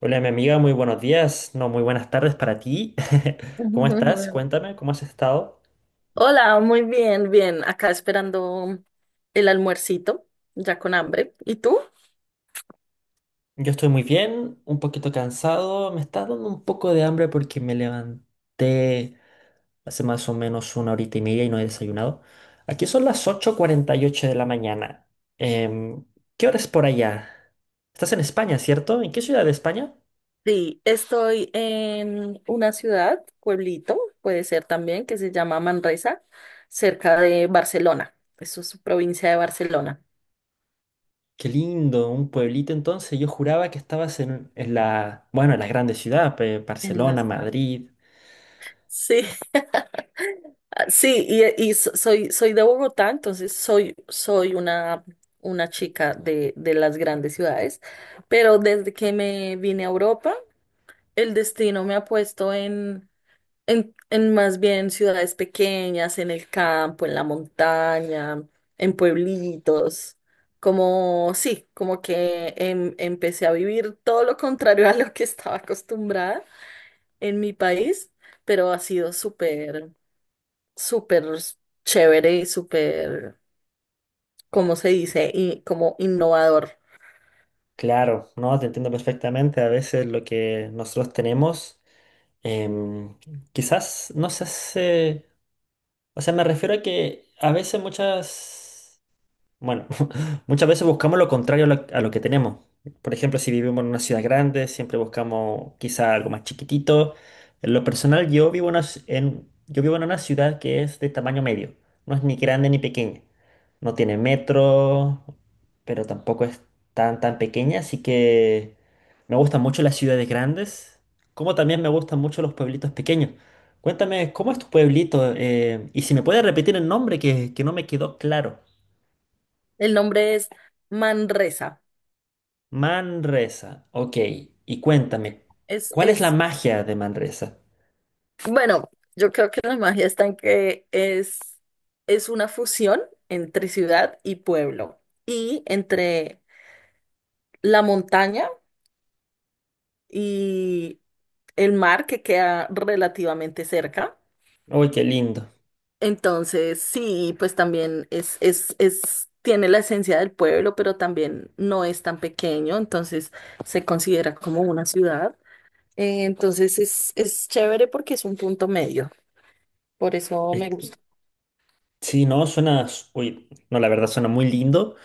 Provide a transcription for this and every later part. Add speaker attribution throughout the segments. Speaker 1: Hola, mi amiga, muy buenos días, no, muy buenas tardes para ti. ¿Cómo estás? Cuéntame, ¿cómo has estado?
Speaker 2: Hola, muy bien, bien. Acá esperando el almuercito, ya con hambre. ¿Y tú?
Speaker 1: Yo estoy muy bien, un poquito cansado, me está dando un poco de hambre porque me levanté hace más o menos una horita y media y no he desayunado. Aquí son las 8:48 de la mañana. Em, ¿Qué hora es por allá? Estás en España, ¿cierto? ¿En qué ciudad de España?
Speaker 2: Sí, estoy en una ciudad, pueblito, puede ser también, que se llama Manresa, cerca de Barcelona. Eso es su provincia de Barcelona.
Speaker 1: Qué lindo, un pueblito entonces. Yo juraba que estabas en la, bueno, en la grande ciudad,
Speaker 2: En
Speaker 1: Barcelona,
Speaker 2: las grandes.
Speaker 1: Madrid.
Speaker 2: Sí, soy, soy de Bogotá, entonces soy una chica de las grandes ciudades, pero desde que me vine a Europa, el destino me ha puesto en más bien ciudades pequeñas, en el campo, en la montaña, en pueblitos. Como, sí, como que empecé a vivir todo lo contrario a lo que estaba acostumbrada en mi país, pero ha sido súper, súper chévere y súper, ¿cómo se dice? Y como innovador.
Speaker 1: Claro, no, te entiendo perfectamente. A veces lo que nosotros tenemos, em, quizás no se hace, o sea, me refiero a que a veces muchas bueno, muchas veces buscamos lo contrario a lo que tenemos. Por ejemplo, si vivimos en una ciudad grande, siempre buscamos quizá algo más chiquitito. En lo personal, yo vivo en una ciudad que es de tamaño medio. No es ni grande ni pequeña. No tiene metro, pero tampoco es tan pequeña. Así que me gustan mucho las ciudades grandes, como también me gustan mucho los pueblitos pequeños. Cuéntame, ¿cómo es tu pueblito? Y si me puedes repetir el nombre, que no me quedó claro.
Speaker 2: El nombre es Manresa.
Speaker 1: Manresa, ok. Y cuéntame, ¿cuál es la
Speaker 2: Es
Speaker 1: magia de Manresa?
Speaker 2: Bueno, yo creo que la magia está en que es una fusión entre ciudad y pueblo y entre la montaña y el mar que queda relativamente cerca.
Speaker 1: Uy, qué lindo.
Speaker 2: Entonces, sí, pues también es, tiene la esencia del pueblo, pero también no es tan pequeño, entonces se considera como una ciudad. Entonces es chévere porque es un punto medio, por eso
Speaker 1: Es
Speaker 2: me
Speaker 1: que-
Speaker 2: gusta.
Speaker 1: Sí, no, suena. Uy, no, la verdad suena muy lindo.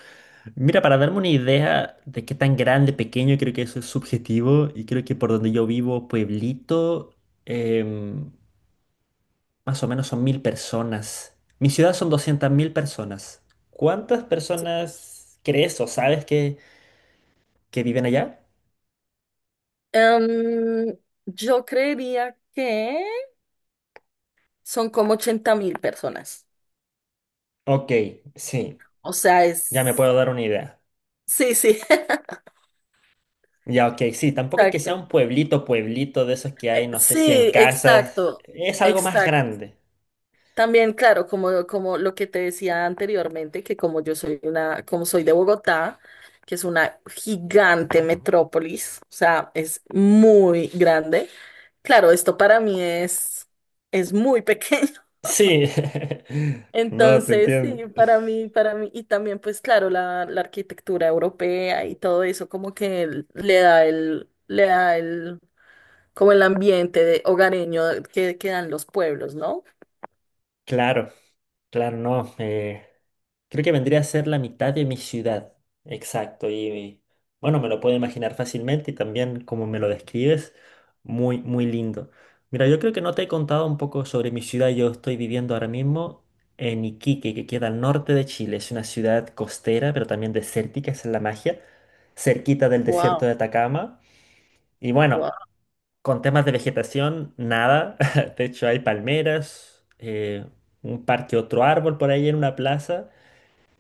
Speaker 1: Mira, para darme una idea de qué tan grande, pequeño, creo que eso es subjetivo y creo que por donde yo vivo, pueblito, em, más o menos son 1.000 personas. Mi ciudad son 200.000 personas. ¿Cuántas personas crees o sabes que viven allá?
Speaker 2: Em, yo creería que son como 80.000 personas.
Speaker 1: Ok, sí,
Speaker 2: O sea,
Speaker 1: ya me
Speaker 2: es...
Speaker 1: puedo dar una idea.
Speaker 2: Sí, sí,
Speaker 1: Ya, ok, sí, tampoco es que sea
Speaker 2: exacto.
Speaker 1: un pueblito, pueblito de esos que hay, no sé, cien
Speaker 2: Sí,
Speaker 1: casas.
Speaker 2: exacto,
Speaker 1: Es algo más
Speaker 2: exacto.
Speaker 1: grande.
Speaker 2: También, claro, como, como lo que te decía anteriormente, que como yo soy una, como soy de Bogotá, que es una gigante metrópolis, o sea, es muy grande. Claro, esto para mí es muy pequeño.
Speaker 1: Sí. No, te
Speaker 2: Entonces,
Speaker 1: entiendo.
Speaker 2: sí, para mí, y también pues claro, la arquitectura europea y todo eso como que le da el, como el ambiente de hogareño que dan los pueblos, ¿no?
Speaker 1: Claro, claro, no. Creo que vendría a ser la mitad de mi ciudad. Exacto. Bueno, me lo puedo imaginar fácilmente y también como me lo describes, muy, muy lindo. Mira, yo creo que no te he contado un poco sobre mi ciudad. Yo estoy viviendo ahora mismo en Iquique, que queda al norte de Chile. Es una ciudad costera, pero también desértica, esa es la magia, cerquita del desierto
Speaker 2: Wow,
Speaker 1: de Atacama. Y bueno,
Speaker 2: wow.
Speaker 1: con temas de vegetación, nada. De hecho, hay palmeras, un parque, otro árbol por ahí en una plaza.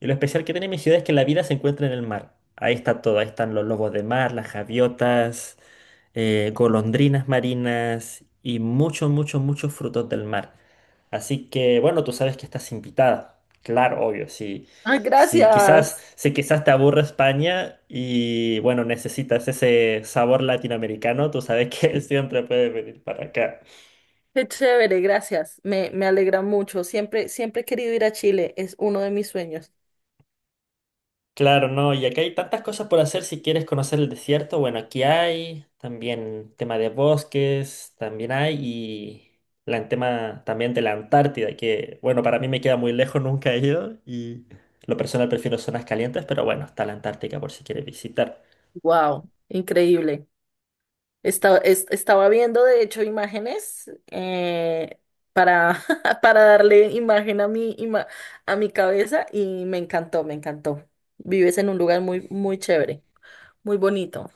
Speaker 1: Y lo especial que tiene mi ciudad es que la vida se encuentra en el mar. Ahí está todo, ahí están los lobos de mar, las javiotas, golondrinas marinas y muchos, muchos, muchos frutos del mar. Así que, bueno, tú sabes que estás invitada. Claro, obvio, sí.
Speaker 2: Ay,
Speaker 1: Sí,
Speaker 2: gracias.
Speaker 1: si quizás te aburre España y bueno, necesitas ese sabor latinoamericano, tú sabes que siempre puedes venir para acá.
Speaker 2: Qué chévere, gracias. Me alegra mucho. Siempre, siempre he querido ir a Chile. Es uno de mis sueños.
Speaker 1: Claro, no, y acá hay tantas cosas por hacer si quieres conocer el desierto. Bueno, aquí hay también tema de bosques, también hay, y la, el tema también de la Antártida, que bueno, para mí me queda muy lejos, nunca he ido, y lo personal prefiero zonas calientes, pero bueno, está la Antártica por si quieres visitar.
Speaker 2: Wow, increíble. Estaba viendo, de hecho, imágenes para, para darle imagen a mi, a mi cabeza y me encantó, me encantó. Vives en un lugar muy, muy chévere, muy bonito.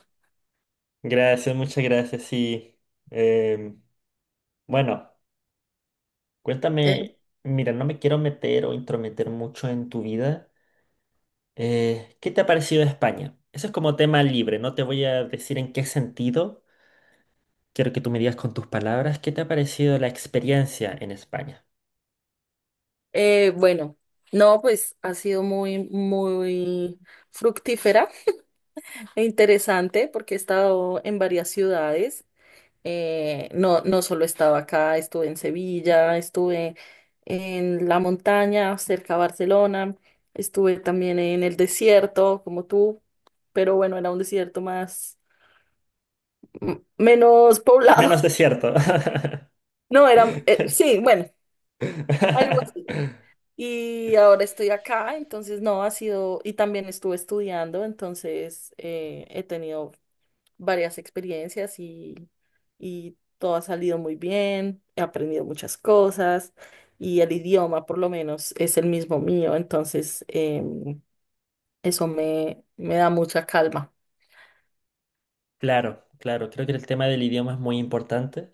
Speaker 1: Gracias, muchas gracias, y bueno,
Speaker 2: Eh,
Speaker 1: cuéntame, mira, no me quiero meter o intrometer mucho en tu vida. ¿Qué te ha parecido España? Eso es como tema libre, no te voy a decir en qué sentido. Quiero que tú me digas con tus palabras qué te ha parecido la experiencia en España.
Speaker 2: bueno, no, pues ha sido muy, muy fructífera e interesante porque he estado en varias ciudades. No, no solo estaba acá, estuve en Sevilla, estuve en la montaña cerca a Barcelona, estuve también en el desierto, como tú, pero bueno, era un desierto más, menos poblado.
Speaker 1: Menos desierto.
Speaker 2: No, era, sí, bueno, algo así. Y ahora estoy acá, entonces no ha sido, y también estuve estudiando, entonces he tenido varias experiencias y todo ha salido muy bien, he aprendido muchas cosas y el idioma por lo menos es el mismo mío, entonces eso me, me da mucha calma.
Speaker 1: Claro, claro, creo que el tema del idioma es muy importante.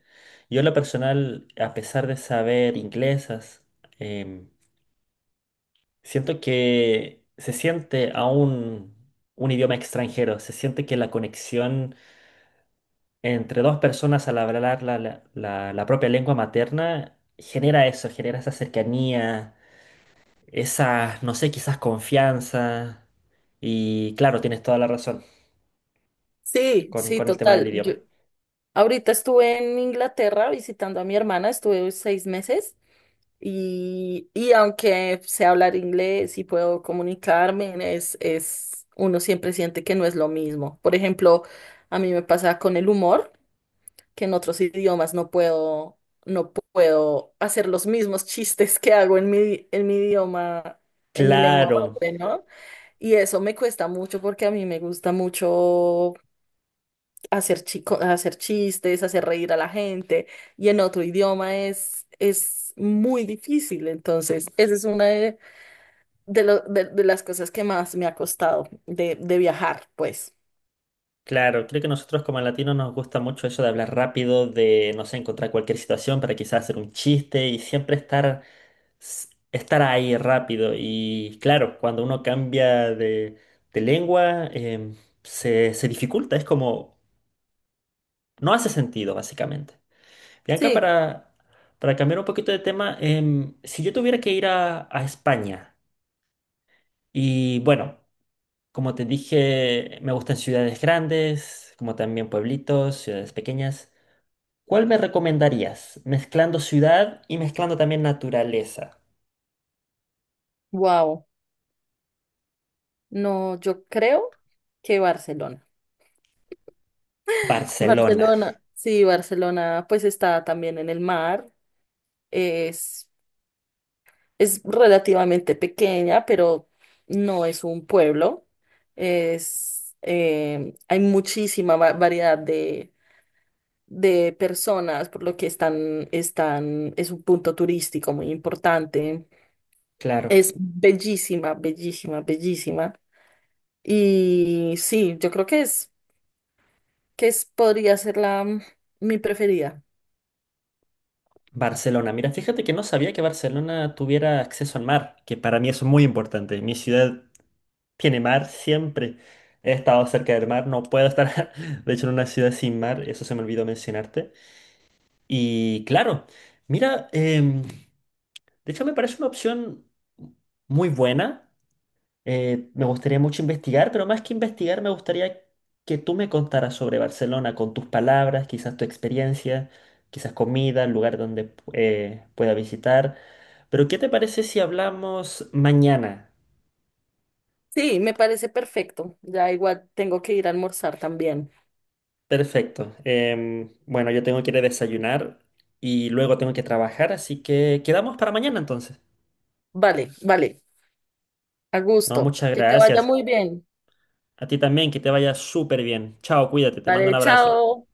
Speaker 1: Yo en lo personal, a pesar de saber inglesas, em, siento que se siente aún un idioma extranjero, se siente que la conexión entre dos personas al hablar la propia lengua materna, genera eso, genera esa cercanía, esa, no sé, quizás confianza. Y claro, tienes toda la razón
Speaker 2: Sí,
Speaker 1: con,
Speaker 2: sí,
Speaker 1: con el tema del
Speaker 2: total. Yo
Speaker 1: idioma.
Speaker 2: ahorita estuve en Inglaterra visitando a mi hermana, estuve 6 meses. Y aunque sé hablar inglés y puedo comunicarme, uno siempre siente que no es lo mismo. Por ejemplo, a mí me pasa con el humor, que en otros idiomas no puedo, no puedo hacer los mismos chistes que hago en mi idioma, en mi lengua
Speaker 1: Claro,
Speaker 2: madre, ¿no? Y eso me cuesta mucho porque a mí me gusta mucho hacer chico, hacer chistes, hacer reír a la gente, y en otro idioma es muy difícil. Entonces, esa es una de las cosas que más me ha costado de viajar, pues.
Speaker 1: claro, creo que nosotros como latinos nos gusta mucho eso de hablar rápido, de, no sé, encontrar cualquier situación para quizás hacer un chiste y siempre estar ahí rápido. Y claro, cuando uno cambia de lengua, se dificulta, es como. No hace sentido, básicamente. Bianca,
Speaker 2: Sí,
Speaker 1: para cambiar un poquito de tema, si yo tuviera que ir a España, y bueno, como te dije, me gustan ciudades grandes, como también pueblitos, ciudades pequeñas, ¿cuál me recomendarías? Mezclando ciudad y mezclando también naturaleza.
Speaker 2: wow. No, yo creo que Barcelona.
Speaker 1: Barcelona,
Speaker 2: Barcelona, sí, Barcelona, pues está también en el mar, es Es relativamente pequeña, pero no es un pueblo. Es, hay muchísima variedad de personas, por lo que están, es un punto turístico muy importante.
Speaker 1: claro.
Speaker 2: Es bellísima, bellísima, bellísima. Y sí, yo creo que que es, podría ser la, mi preferida.
Speaker 1: Barcelona, mira, fíjate que no sabía que Barcelona tuviera acceso al mar, que para mí es muy importante. Mi ciudad tiene mar siempre. He estado cerca del mar, no puedo estar, de hecho, en una ciudad sin mar, eso se me olvidó mencionarte. Y claro, mira, de hecho me parece una opción muy buena. Me gustaría mucho investigar, pero más que investigar, me gustaría que tú me contaras sobre Barcelona con tus palabras, quizás tu experiencia, quizás comida, lugar donde pueda visitar. Pero ¿qué te parece si hablamos mañana?
Speaker 2: Sí, me parece perfecto. Ya igual tengo que ir a almorzar también.
Speaker 1: Perfecto. Bueno, yo tengo que ir a desayunar y luego tengo que trabajar, así que quedamos para mañana entonces.
Speaker 2: Vale, vale. A
Speaker 1: No,
Speaker 2: gusto.
Speaker 1: muchas
Speaker 2: Que te vaya
Speaker 1: gracias.
Speaker 2: muy bien.
Speaker 1: A ti también, que te vaya súper bien. Chao, cuídate, te mando un
Speaker 2: Vale,
Speaker 1: abrazo.
Speaker 2: chao.